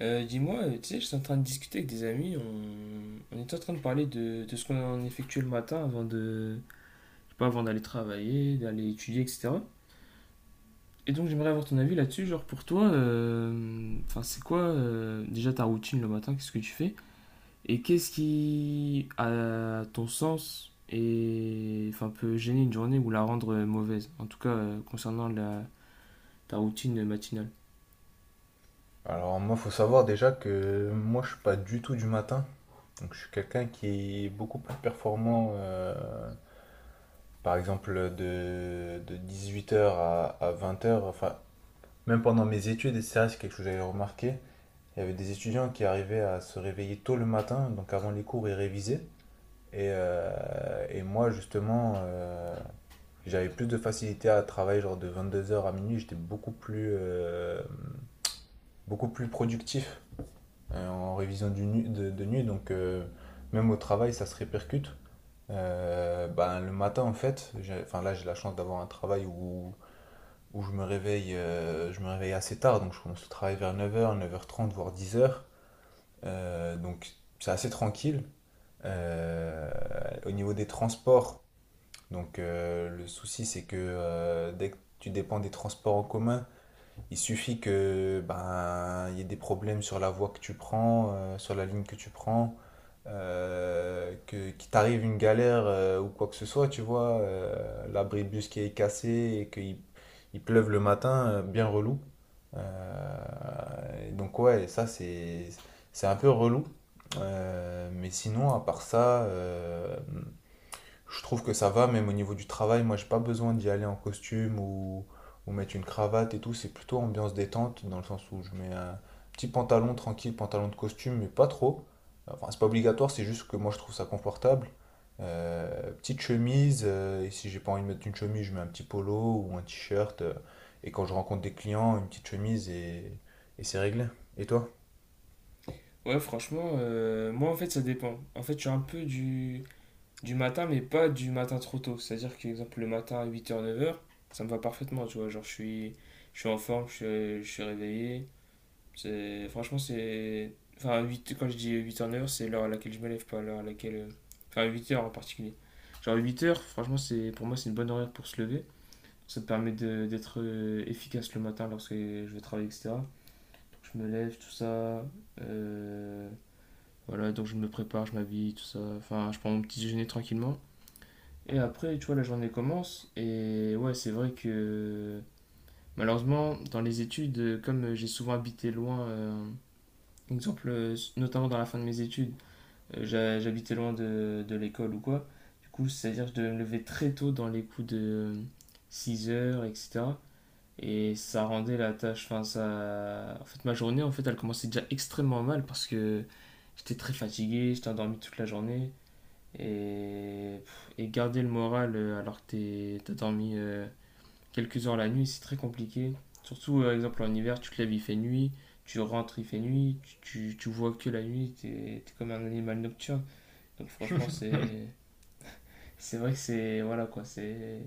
Dis-moi, tu sais, je suis en train de discuter avec des amis, on était en train de parler de ce qu'on effectuait le matin avant de, je sais pas, avant d'aller travailler, d'aller étudier, etc. Et donc j'aimerais avoir ton avis là-dessus, genre pour toi, enfin c'est quoi déjà ta routine le matin, qu'est-ce que tu fais? Et qu'est-ce qui, à ton sens, et, enfin, peut gêner une journée ou la rendre mauvaise, en tout cas concernant ta routine matinale? Alors moi, faut savoir déjà que moi, je suis pas du tout du matin. Donc je suis quelqu'un qui est beaucoup plus performant, par exemple, de 18h à 20h. Enfin, même pendant mes études, et ça, c'est quelque chose que j'avais remarqué. Il y avait des étudiants qui arrivaient à se réveiller tôt le matin, donc avant les cours, ils révisaient. Et moi, justement, j'avais plus de facilité à travailler genre de 22h à minuit. J'étais beaucoup plus productif en révision de nuit, donc même au travail, ça se répercute. Ben, le matin, en fait, enfin, là, j'ai la chance d'avoir un travail où je me réveille, je me réveille assez tard, donc je commence le travail vers 9h, 9h30, voire 10h. Donc c'est assez tranquille. Euh, au niveau des transports, donc le souci, c'est que dès que tu dépends des transports en commun, il suffit que ben il y ait des problèmes sur la voie que tu prends, sur la ligne que tu prends, que qu'il t'arrive une galère ou quoi que ce soit, tu vois, l'abribus qui est cassé et qu'il il pleuve le matin, bien relou. Et donc ouais, ça c'est un peu relou. Mais sinon, à part ça, je trouve que ça va, même au niveau du travail, moi j'ai pas besoin d'y aller en costume ou mettre une cravate et tout, c'est plutôt ambiance détente, dans le sens où je mets un petit pantalon tranquille, pantalon de costume, mais pas trop. Enfin, c'est pas obligatoire, c'est juste que moi je trouve ça confortable. Petite chemise, et si j'ai pas envie de mettre une chemise, je mets un petit polo ou un t-shirt. Et quand je rencontre des clients, une petite chemise et c'est réglé. Et toi? Ouais, franchement, moi en fait ça dépend. En fait, je suis un peu du matin, mais pas du matin trop tôt. C'est-à-dire que, exemple, le matin à 8h, 9h, ça me va parfaitement, tu vois. Genre, je suis en forme, je suis réveillé. C'est, franchement, c'est. Enfin, 8 quand je dis huit heures neuf h c'est l'heure à laquelle je me lève, pas l'heure à laquelle. Enfin, huit heures en particulier. Genre, huit heures franchement, pour moi, c'est une bonne horaire pour se lever. Ça te permet d'être efficace le matin lorsque je vais travailler, etc. Je me lève, tout ça. euh, voilà, donc je me prépare, je m'habille, tout ça. Enfin, je prends mon petit déjeuner tranquillement. Et après, tu vois, la journée commence. Et ouais, c'est vrai que malheureusement, dans les études, comme j'ai souvent habité loin, exemple, notamment dans la fin de mes études, j'habitais loin de l'école ou quoi. Du coup, c'est-à-dire que je devais me lever très tôt dans les coups de 6 heures, etc. Et ça rendait la tâche, enfin, ça. En fait, ma journée elle commençait déjà extrêmement mal parce que j'étais très fatigué, j'étais endormi toute la journée. Et, et garder le moral alors que t'as dormi quelques heures la nuit, c'est très compliqué. Surtout, par exemple, en hiver, tu te lèves, il fait nuit, tu rentres, il fait nuit, tu vois que la nuit, t'es comme un animal nocturne. Donc franchement, c'est vrai que c'est... Voilà quoi, c'est...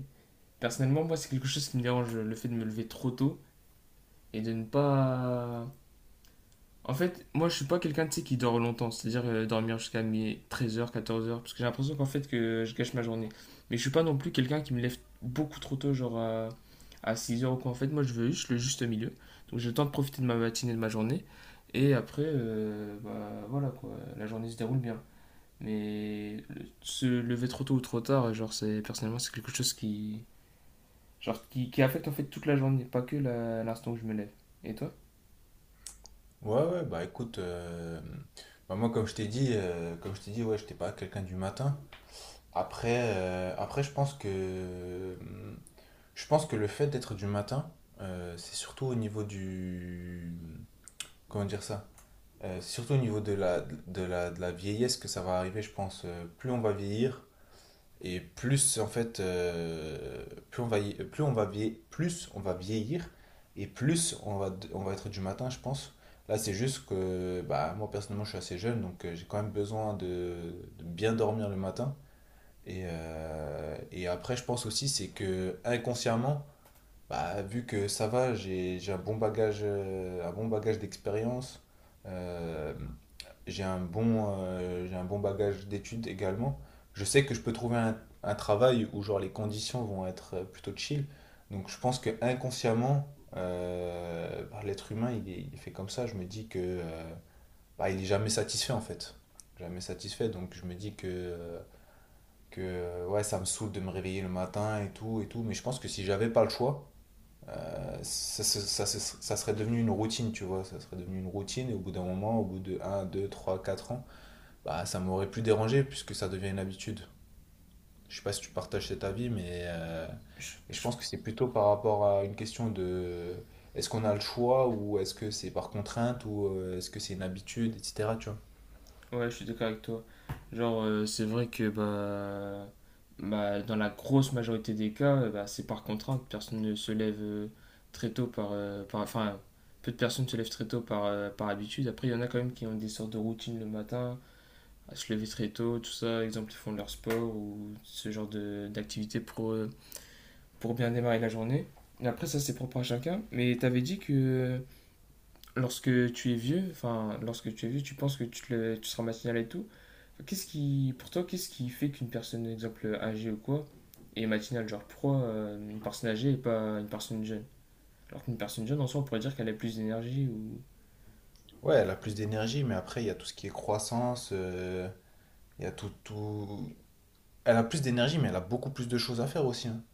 Personnellement, moi, c'est quelque chose qui me dérange, le fait de me lever trop tôt et de ne pas. En fait, moi je suis pas quelqu'un tu sais, qui dort longtemps, c'est-à-dire dormir jusqu'à mes 13h, 14h, parce que j'ai l'impression qu'en fait que je gâche ma journée. Mais je suis pas non plus quelqu'un qui me lève beaucoup trop tôt, genre à 6h ou quoi. En fait, moi je veux juste le juste milieu. Donc j'ai le temps de profiter de ma matinée, de ma journée. Et après, bah, voilà quoi, la journée se déroule bien. Mais se lever trop tôt ou trop tard, genre c'est personnellement c'est quelque chose qui qui affecte en fait toute la journée, pas que l'instant où je me lève. Et toi? Ouais, ouais, bah écoute, bah, moi comme je t'ai dit, comme je t'ai dit, ouais, j'étais pas quelqu'un du matin. Après, je pense que le fait d'être du matin, c'est surtout au niveau du, comment dire ça? C'est surtout au niveau de la vieillesse que ça va arriver, je pense. Plus on va vieillir, et plus en fait, plus on va vieillir et plus on va être du matin, je pense. Là, c'est juste que bah, moi personnellement, je suis assez jeune, donc j'ai quand même besoin de bien dormir le matin. Et après, je pense aussi, c'est que inconsciemment, bah, vu que ça va, j'ai un bon bagage d'expérience, euh, j'ai un bon bagage d'études également. Je sais que je peux trouver un travail où genre les conditions vont être plutôt chill. Donc je pense que inconsciemment, bah, l'être humain il est fait comme ça. Je me dis que bah, il est jamais satisfait en fait, jamais satisfait. Donc je me dis que ouais ça me saoule de me réveiller le matin et tout et tout. Mais je pense que si j'avais pas le choix ça, se- ça ça serait devenu une routine, tu vois, ça serait devenu une routine, et au bout d'un moment, au bout de un 2 3 4 ans, bah ça m'aurait plus dérangé, puisque ça devient une habitude. Je sais pas si tu partages cet avis, mais, euh, mais je Je pense que c'est plutôt par rapport à une question de est-ce qu'on a le choix, ou est-ce que c'est par contrainte, ou est-ce que c'est une habitude, etc., tu vois. Ouais, je suis d'accord avec toi. Genre, c'est vrai que bah, dans la grosse majorité des cas, bah, c'est par contrainte. Personne ne se lève très tôt Enfin, peu de personnes se lèvent très tôt par habitude. Après, il y en a quand même qui ont des sortes de routines le matin, à se lever très tôt, tout ça. Exemple, ils font leur sport ou ce genre de d'activité pour bien démarrer la journée. Et après, ça, c'est propre à chacun. Mais t'avais dit que lorsque tu es vieux, enfin, lorsque tu es vieux, tu penses que tu seras matinal et tout. Pour toi, qu'est-ce qui fait qu'une personne, exemple, âgée ou quoi, est matinale? Genre, pourquoi une personne âgée et pas une personne jeune? Alors qu'une personne jeune, en soi, on pourrait dire qu'elle a plus d'énergie ou... Ouais, elle a plus d'énergie, mais après, il y a tout ce qui est croissance, il y a tout, tout. Elle a plus d'énergie, mais elle a beaucoup plus de choses à faire aussi, hein.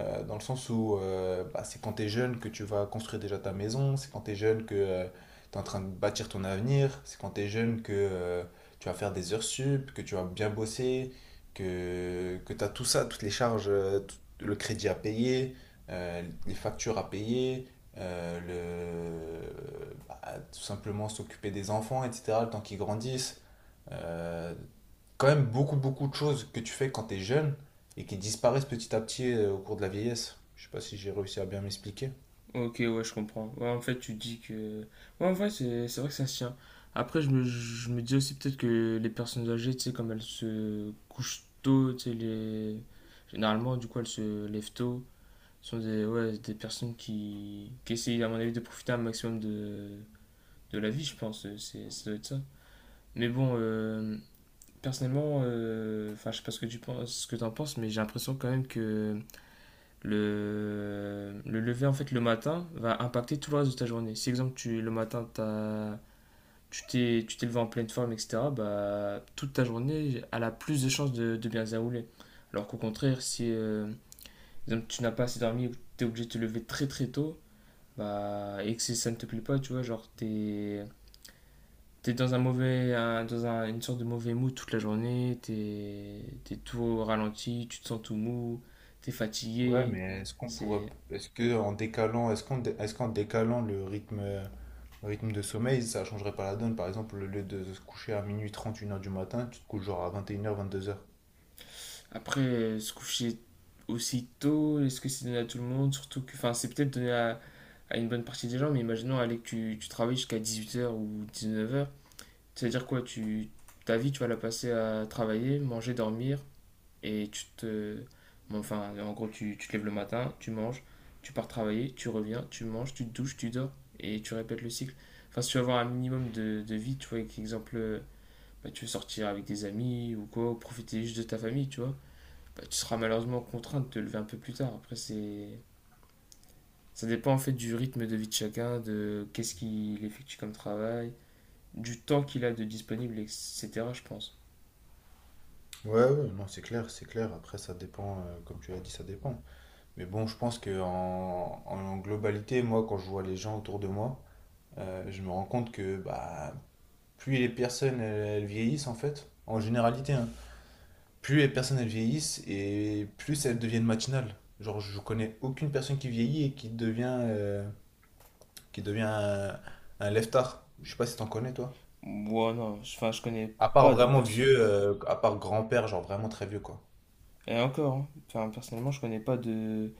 Dans le sens où bah, c'est quand t'es jeune que tu vas construire déjà ta maison, c'est quand t'es jeune que t'es en train de bâtir ton avenir, c'est quand t'es jeune que tu vas faire des heures sup, que tu vas bien bosser, que t'as tout ça, toutes les charges, le crédit à payer, les factures à payer, bah, tout simplement s'occuper des enfants, etc., le temps qu'ils grandissent euh, quand même beaucoup, beaucoup de choses que tu fais quand tu es jeune et qui disparaissent petit à petit au cours de la vieillesse. Je sais pas si j'ai réussi à bien m'expliquer. Ok, ouais, je comprends. Ouais, en fait, tu dis que... Ouais, en vrai, c'est vrai que ça se tient. Après, je me dis aussi peut-être que les personnes âgées, tu sais, comme elles se couchent tôt, tu sais, les... Généralement, du coup, elles se lèvent tôt. Sur des, ouais, des personnes qui essayent, à mon avis, de profiter un maximum de la vie, je pense. C'est, ça doit être ça. Mais bon, personnellement, enfin, je sais pas ce que tu penses, ce que t'en penses, mais j'ai l'impression quand même que le lever, en fait, le matin, va impacter tout le reste de ta journée. Si, exemple, le matin, tu t'es levé en pleine forme, etc., bah, toute ta journée, elle a plus de chances de bien se dérouler. Alors qu'au contraire, si, exemple, tu n'as pas assez dormi ou tu es obligé de te lever très très tôt. Bah, et que si ça ne te plaît pas, tu vois, genre, t'es dans un une sorte de mauvais mood toute la journée, t'es tout au ralenti, tu te sens tout mou, t'es Ouais, fatigué. mais C'est... est-ce qu'en décalant le rythme de sommeil, ça changerait pas la donne? Par exemple, au lieu de se coucher à minuit trente, 1h du matin, tu te couches genre à 21h, 22h. Après, se coucher aussi tôt, est-ce que c'est donné à tout le monde? Surtout que, enfin, c'est peut-être donné à une bonne partie des gens, mais imaginons, allez, que tu travailles jusqu'à 18h ou 19h. C'est-à-dire quoi, ta vie, tu vas la passer à travailler, manger, dormir. Et tu te. Bon, enfin, en gros, tu te lèves le matin, tu manges, tu pars travailler, tu reviens, tu manges, tu te douches, tu dors et tu répètes le cycle. Enfin, si tu veux avoir un minimum de vie, tu vois, avec exemple, bah, tu veux sortir avec des amis ou quoi, ou profiter juste de ta famille, tu vois, bah, tu seras malheureusement contraint de te lever un peu plus tard. Après, c'est. Ça dépend en fait du rythme de vie de chacun, de qu'est-ce qu'il effectue comme travail, du temps qu'il a de disponible, etc. Je pense. Ouais, ouais, non, c'est clair, c'est clair. Après, ça dépend, comme tu l'as dit, ça dépend. Mais bon, je pense que en globalité, moi, quand je vois les gens autour de moi, je me rends compte que bah, plus les personnes elles vieillissent en fait, en généralité, hein, plus les personnes elles vieillissent et plus elles deviennent matinales. Genre je connais aucune personne qui vieillit et qui devient un lève-tard. Je sais pas si t'en connais toi. Moi, non, enfin, je connais À part pas de vraiment personne. vieux, à part grand-père, genre vraiment très vieux quoi. Et encore, hein. Enfin, personnellement, je connais pas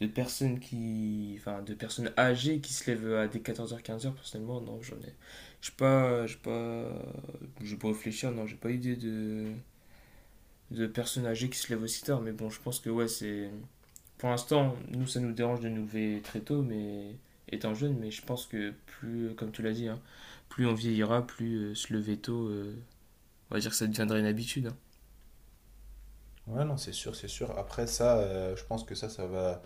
de personnes de personnes âgées qui se lèvent à des 14h-15h. Personnellement, non, je sais pas, je sais pas, je peux réfléchir. Non, j'ai pas idée de personnes âgées qui se lèvent aussi tard. Mais bon, je pense que ouais, c'est, pour l'instant, nous, ça nous dérange de nous lever très tôt, mais étant jeune. Mais je pense que plus, comme tu l'as dit, hein, plus on vieillira, plus se lever tôt, on va dire que ça deviendrait une habitude. Hein. Ouais non c'est sûr, c'est sûr. Après ça, je pense que ça va.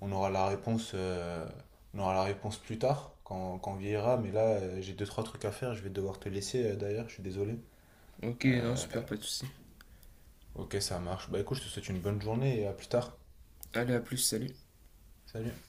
On aura la réponse, on aura la réponse plus tard, quand on vieillira. Mais là, j'ai deux, trois trucs à faire. Je vais devoir te laisser d'ailleurs, je suis désolé. Ok, non, Euh, super, pas de souci. ok, ça marche. Bah écoute, je te souhaite une bonne journée et à plus tard. Allez, à plus, salut. Salut.